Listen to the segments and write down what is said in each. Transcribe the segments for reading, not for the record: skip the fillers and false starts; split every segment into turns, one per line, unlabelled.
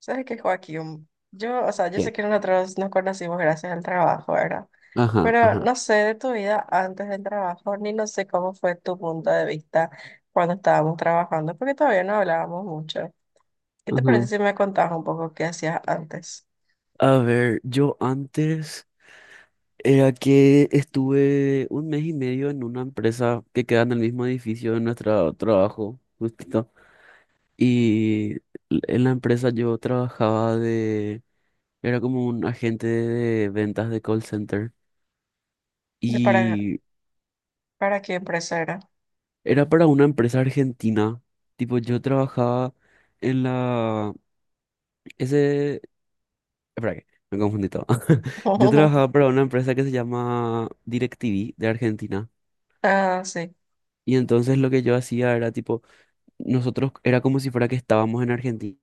¿Sabes qué, Joaquín? O sea, yo sé
Bien.
que nosotros nos conocimos gracias al trabajo, ¿verdad?
Ajá,
Pero
ajá,
no sé de tu vida antes del trabajo, ni no sé cómo fue tu punto de vista cuando estábamos trabajando, porque todavía no hablábamos mucho. ¿Qué te parece
ajá.
si me contabas un poco qué hacías antes?
A ver, yo antes era que estuve un mes y medio en una empresa que queda en el mismo edificio de nuestro trabajo, justito. Y en la empresa yo trabajaba era como un agente de ventas de call center.
¿De para,
Y
para qué empresa era?
era para una empresa argentina. Tipo, yo trabajaba en la, ese, espera que me confundí todo. Yo trabajaba para una empresa que se llama DirecTV de Argentina.
Ah, sí.
Y entonces lo que yo hacía era tipo, nosotros era como si fuera que estábamos en Argentina.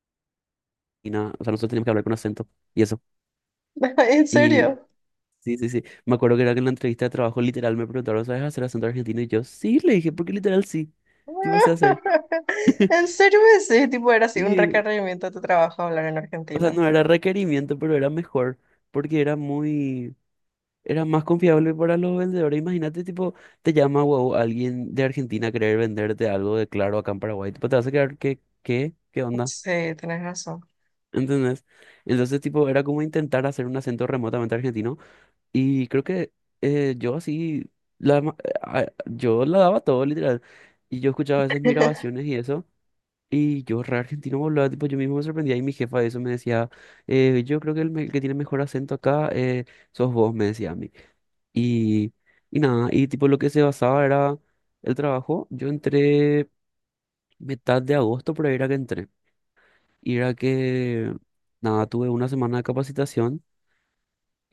O sea, nosotros teníamos que hablar con acento y eso.
¿En
Y
serio?
sí, sí, sí. Me acuerdo que era que en la entrevista de trabajo literal me preguntaron, ¿sabes hacer acento argentino? Y yo, sí, le dije, porque literal sí. Tipo, sé hacer.
¿En serio? Sí, tipo, era así un
Y
requerimiento de tu trabajo hablar en
o sea,
Argentina.
no era requerimiento, pero era mejor. Porque era muy Era más confiable para los vendedores. Imagínate, tipo, te llama, wow, alguien de Argentina a querer venderte algo de Claro acá en Paraguay. Tipo, te vas a quedar, ¿qué? ¿Qué? ¿Qué onda?
Sí, tenés razón.
¿Entendés? Entonces, tipo, era como intentar hacer un acento remotamente argentino. Y creo que yo así, la, ma- yo la daba todo, literal. Y yo escuchaba a veces mis grabaciones y eso. Y yo re argentino volaba, tipo, yo mismo me sorprendía. Y mi jefa de eso me decía, yo creo que el que tiene mejor acento acá, sos vos, me decía. Y y nada, y tipo lo que se basaba era el trabajo. Yo entré mitad de agosto, pero era que entré. Y era que, nada, tuve una semana de capacitación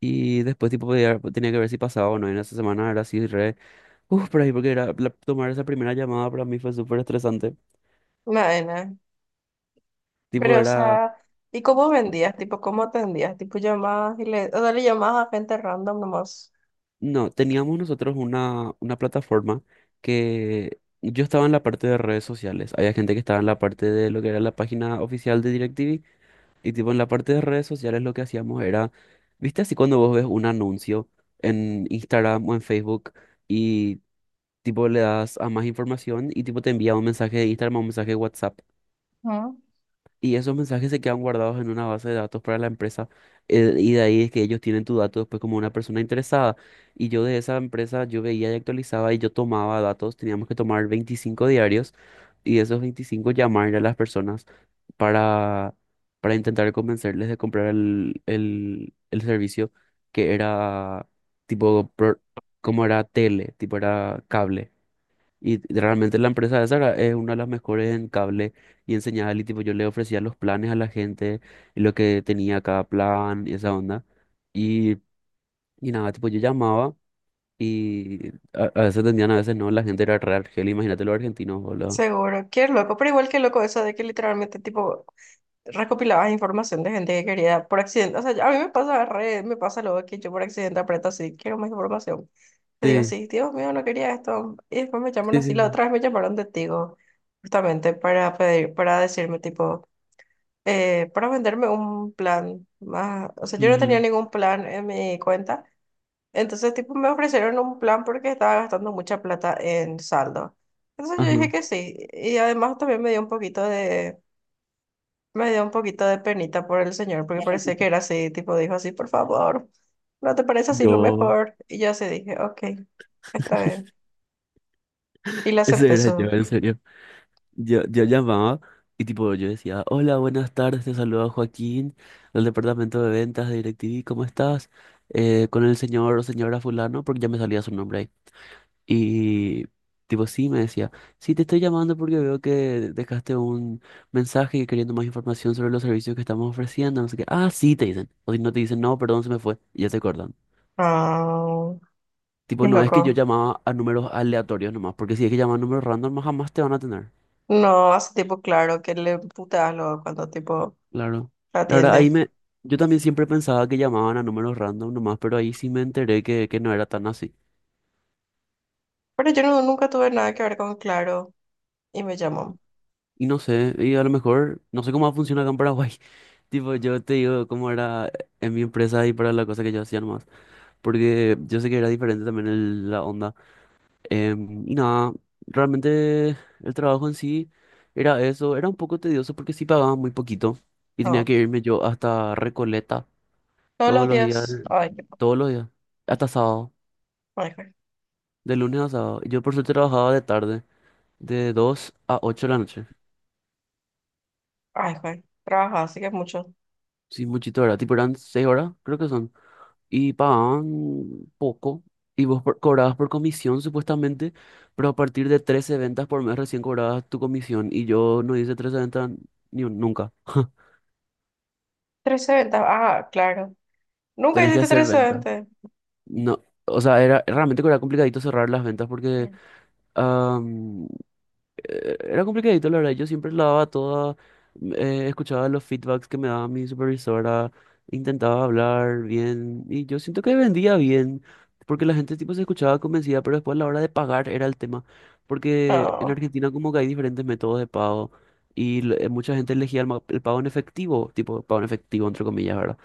y después tipo tenía que ver si pasaba o no. Y en esa semana era así, re, uff, por ahí, porque era, tomar esa primera llamada para mí fue súper estresante.
Nada.
Tipo
Pero, o
era,
sea, ¿y cómo vendías? Tipo, ¿cómo atendías? Tipo, llamabas y o sea, le llamabas a gente random nomás.
no, teníamos nosotros una plataforma que... Yo estaba en la parte de redes sociales. Había gente que estaba en la parte de lo que era la página oficial de DirecTV. Y tipo en la parte de redes sociales lo que hacíamos era, viste así cuando vos ves un anuncio en Instagram o en Facebook, y tipo le das a más información y tipo te envía un mensaje de Instagram o un mensaje de WhatsApp,
Ujú.
y esos mensajes se quedan guardados en una base de datos para la empresa. Y de ahí es que ellos tienen tu dato después como una persona interesada. Y yo de esa empresa, yo veía y actualizaba y yo tomaba datos. Teníamos que tomar 25 diarios y esos 25 llamar a las personas para, para intentar convencerles de comprar el servicio, que era tipo, como era tele, tipo era cable. Y realmente la empresa esa es una de las mejores en cable y en señal. Y tipo, yo le ofrecía los planes a la gente y lo que tenía cada plan y esa onda. Y y nada, tipo, yo llamaba y a veces atendían, a veces no. La gente era re argel, imagínate los argentinos, boludo.
Seguro, qué loco, pero igual que loco eso de que literalmente tipo recopilabas información de gente que quería por accidente, o sea, a mí me pasa luego que yo por accidente aprieto así, quiero más información, te digo,
Sí,
sí, Dios mío, no quería esto, y después me llaman
sí, sí.
así, la
Sí.
otra vez me llamaron de Tigo, justamente para decirme tipo, para venderme un plan más, o sea, yo no tenía
Ujú.
ningún plan en mi cuenta. Entonces, tipo, me ofrecieron un plan porque estaba gastando mucha plata en saldo. Entonces yo dije
Ajá.
que sí. Y además también me dio un poquito de penita por el señor, porque parecía que era así, tipo, dijo así, por favor, ¿no te parece así lo
Yo,
mejor? Y yo así dije, ok, está bien. Y le
ese
acepté
era yo,
su.
en serio. Yo llamaba y tipo yo decía, hola, buenas tardes, te saluda Joaquín del departamento de ventas de DirecTV, ¿cómo estás? Con el señor o señora fulano, porque ya me salía su nombre ahí. Y tipo sí, me decía, sí, te estoy llamando porque veo que dejaste un mensaje y queriendo más información sobre los servicios que estamos ofreciendo, no sé qué. Ah, sí, te dicen. O si no te dicen, no, perdón, se me fue. Y ya te cortan.
Ah, qué
Tipo, no es que yo
loco.
llamaba a números aleatorios nomás, porque si es que llaman a números random, jamás te van a atender.
No, hace tipo claro que le puteas luego cuando tipo
Claro. La verdad,
atiende.
ahí me... Yo también siempre pensaba que llamaban a números random nomás, pero ahí sí me enteré que, no era tan así.
Pero yo no- nunca tuve nada que ver con Claro y me llamó.
Y no sé, y a lo mejor, no sé cómo funciona acá en Paraguay. Tipo, yo te digo cómo era en mi empresa y para la cosa que yo hacía nomás. Porque yo sé que era diferente también la onda. Y nada, realmente el trabajo en sí era eso. Era un poco tedioso porque sí pagaba muy poquito. Y tenía
No.
que irme yo hasta Recoleta
Todos
todos
los
los días,
días. Ay,
todos los días, hasta sábado.
Ay, Juan.
De lunes a sábado. Yo por suerte trabajaba de tarde, de 2 a 8 de la noche.
Ay, Juan. Trabaja, así que es mucho.
Sí, muchito, ¿verdad? Tipo eran 6 horas, creo que son. Y pagaban poco. Y vos cobrabas por comisión, supuestamente. Pero a partir de 13 ventas por mes recién cobrabas tu comisión. Y yo no hice 13 ventas ni un- nunca.
Trece ventas. Ah, claro. Nunca
Tenés que
hiciste
hacer
13
ventas.
ventas.
No. O sea, era realmente que era complicadito cerrar las ventas porque era complicadito, la verdad. Yo siempre la daba toda, escuchaba los feedbacks que me daba mi supervisora, intentaba hablar bien y yo siento que vendía bien, porque la gente tipo se escuchaba convencida, pero después a la hora de pagar era el tema, porque en
No.
Argentina como que hay diferentes métodos de pago y mucha gente elegía el pago en efectivo, tipo pago en efectivo entre comillas, ¿verdad?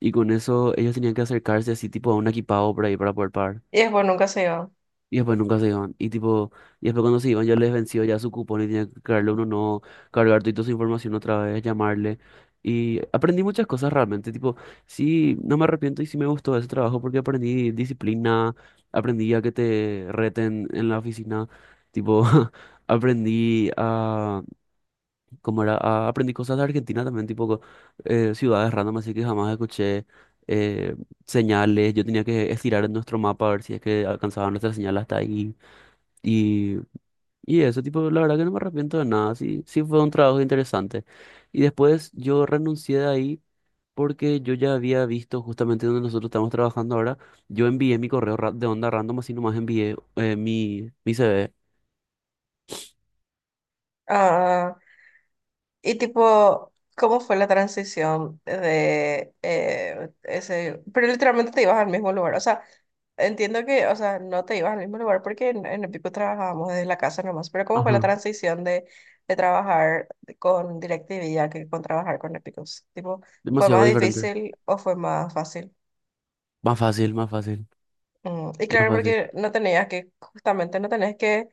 Y con eso ellos tenían que acercarse así tipo a un equipado por ahí para poder pagar.
Y después nunca se iba.
Y después nunca se iban. Y tipo, y después cuando se iban ya les venció ya su cupón y tenían que cargarle uno no, cargar toda su información otra vez, llamarle. Y aprendí muchas cosas realmente. Tipo, sí, no me arrepiento y sí me gustó ese trabajo porque aprendí disciplina, aprendí a que te reten en la oficina. Tipo, aprendí a, ¿cómo era? Aprendí cosas de Argentina también, tipo ciudades random, así que jamás escuché. eh, señales, yo tenía que estirar en nuestro mapa a ver si es que alcanzaba nuestra señal hasta ahí. Y y eso, tipo, la verdad que no me arrepiento de nada, sí, sí fue un trabajo interesante. Y después yo renuncié de ahí porque yo ya había visto justamente donde nosotros estamos trabajando ahora, yo envié mi correo de onda random, así nomás envié mi CV.
Ah, y tipo, ¿cómo fue la transición de ese? Pero literalmente te ibas al mismo lugar. O sea, entiendo que, o sea, no te ibas al mismo lugar porque en el pico trabajábamos desde la casa nomás. Pero ¿cómo fue la
Ajá,
transición de trabajar con DirecTV ya que con trabajar con Epicus? Tipo, ¿fue
demasiado
más
diferente.
difícil o fue más fácil?
Más fácil, más fácil,
Y
más
claro,
fácil.
porque justamente no tenés que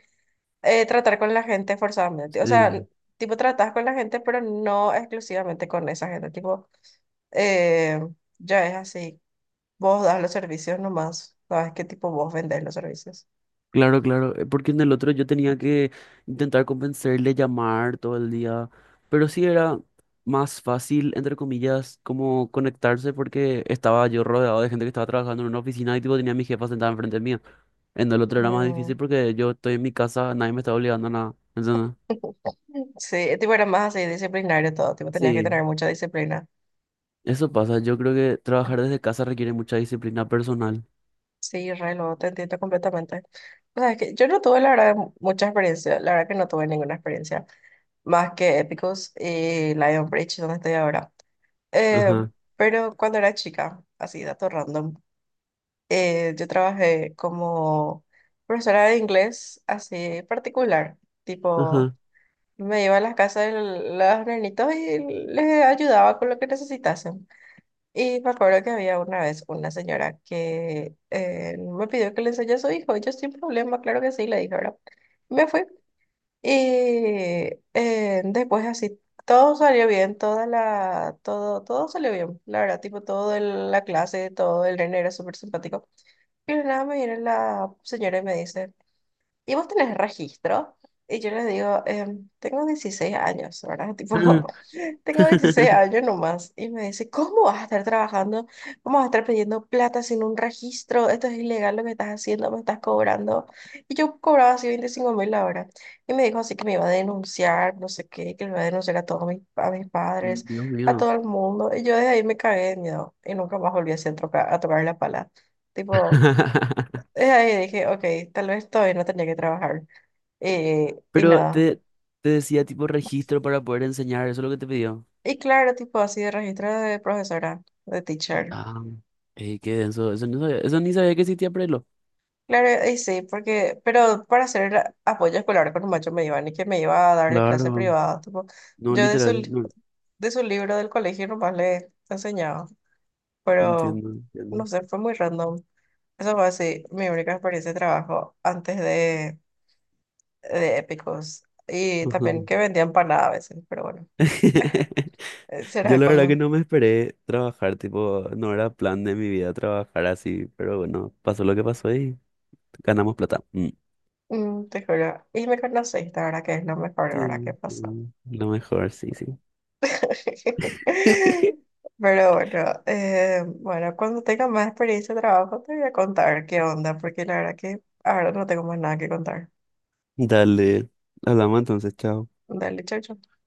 tratar con la gente forzadamente. O sea,
Sí.
tipo, tratás con la gente, pero no exclusivamente con esa gente. Tipo, eh, ya es así. Vos das los servicios nomás. Sabes qué tipo vos vendés los servicios.
Claro, claro, porque en el otro yo tenía que intentar convencerle, llamar todo el día, pero sí era más fácil, entre comillas, como conectarse porque estaba yo rodeado de gente que estaba trabajando en una oficina y tipo tenía a mi jefa sentada enfrente mía. En el otro era más difícil
Mm.
porque yo estoy en mi casa, nadie me está obligando a nada. ¿Entendés?
Sí, tipo, era más así disciplinario todo. Tipo, tenías que
Sí,
tener mucha disciplina.
eso pasa, yo creo que trabajar desde casa requiere mucha disciplina personal.
Sí, re, lo te entiendo completamente. O sea, es que yo no tuve, la verdad, mucha experiencia. La verdad que no tuve ninguna experiencia más que Epicus y Lionbridge, donde estoy ahora. Eh,
Ajá,
pero cuando era chica, así, dato random, yo trabajé como profesora de inglés así particular, tipo,
ajá.
me iba a las casas de los nenitos y les ayudaba con lo que necesitasen. Y me acuerdo que había una vez una señora que me pidió que le enseñe a su hijo, y yo sin problema, claro que sí, le dije, ¿verdad? Me fui. Y después así, todo salió bien, todo salió bien, la verdad, tipo, la clase, todo el nene era súper simpático. Y de nada me viene la señora y me dice, ¿y vos tenés registro? Y yo le digo, "Tengo 16 años, ¿verdad? Tipo, tengo 16 años nomás y me dice, ¿cómo vas a estar trabajando? ¿Cómo vas a estar pidiendo plata sin un registro? Esto es ilegal lo que estás haciendo, me estás cobrando. Y yo cobraba así 25 mil la hora. Y me dijo así que me iba a denunciar, no sé qué, que me iba a denunciar a mis padres,
Dios
a
mío.
todo el mundo. Y yo desde ahí me cagué de miedo y nunca más volví así a tocar la pala. Tipo, desde ahí dije, ok, tal vez todavía no tenía que trabajar. Y
Pero
nada.
te decía tipo registro para poder enseñar, eso es lo que te pidió.
Y claro, tipo así de registro de profesora, de teacher.
Ah, ey, qué denso, eso eso ni sabía que existía Prelo.
Claro, y sí, porque, pero para hacer el apoyo escolar con un macho me iba ni que me iba a darle clase
Claro.
privada, tipo,
No,
yo
literal, no,
de su libro del colegio nomás le enseñaba, pero
entiendo, entiendo.
no sé, fue muy random. Eso fue así, mi única experiencia de trabajo antes de Épicos y
Ajá.
también que vendía empanadas a veces, pero bueno,
Yo
será
la verdad que
cuando,
no me esperé trabajar, tipo, no era plan de mi vida trabajar así, pero bueno, pasó lo que pasó y ganamos plata. Mm.
te juro, y me conoces, la verdad que es lo mejor, la verdad que
Sí,
pasó.
mm, lo mejor, sí, sí.
Pero bueno, bueno, cuando tenga más experiencia de trabajo te voy a contar qué onda, porque la verdad que ahora no tengo más nada que contar.
Dale, hablamos entonces, chao.
Dale, chau, chau.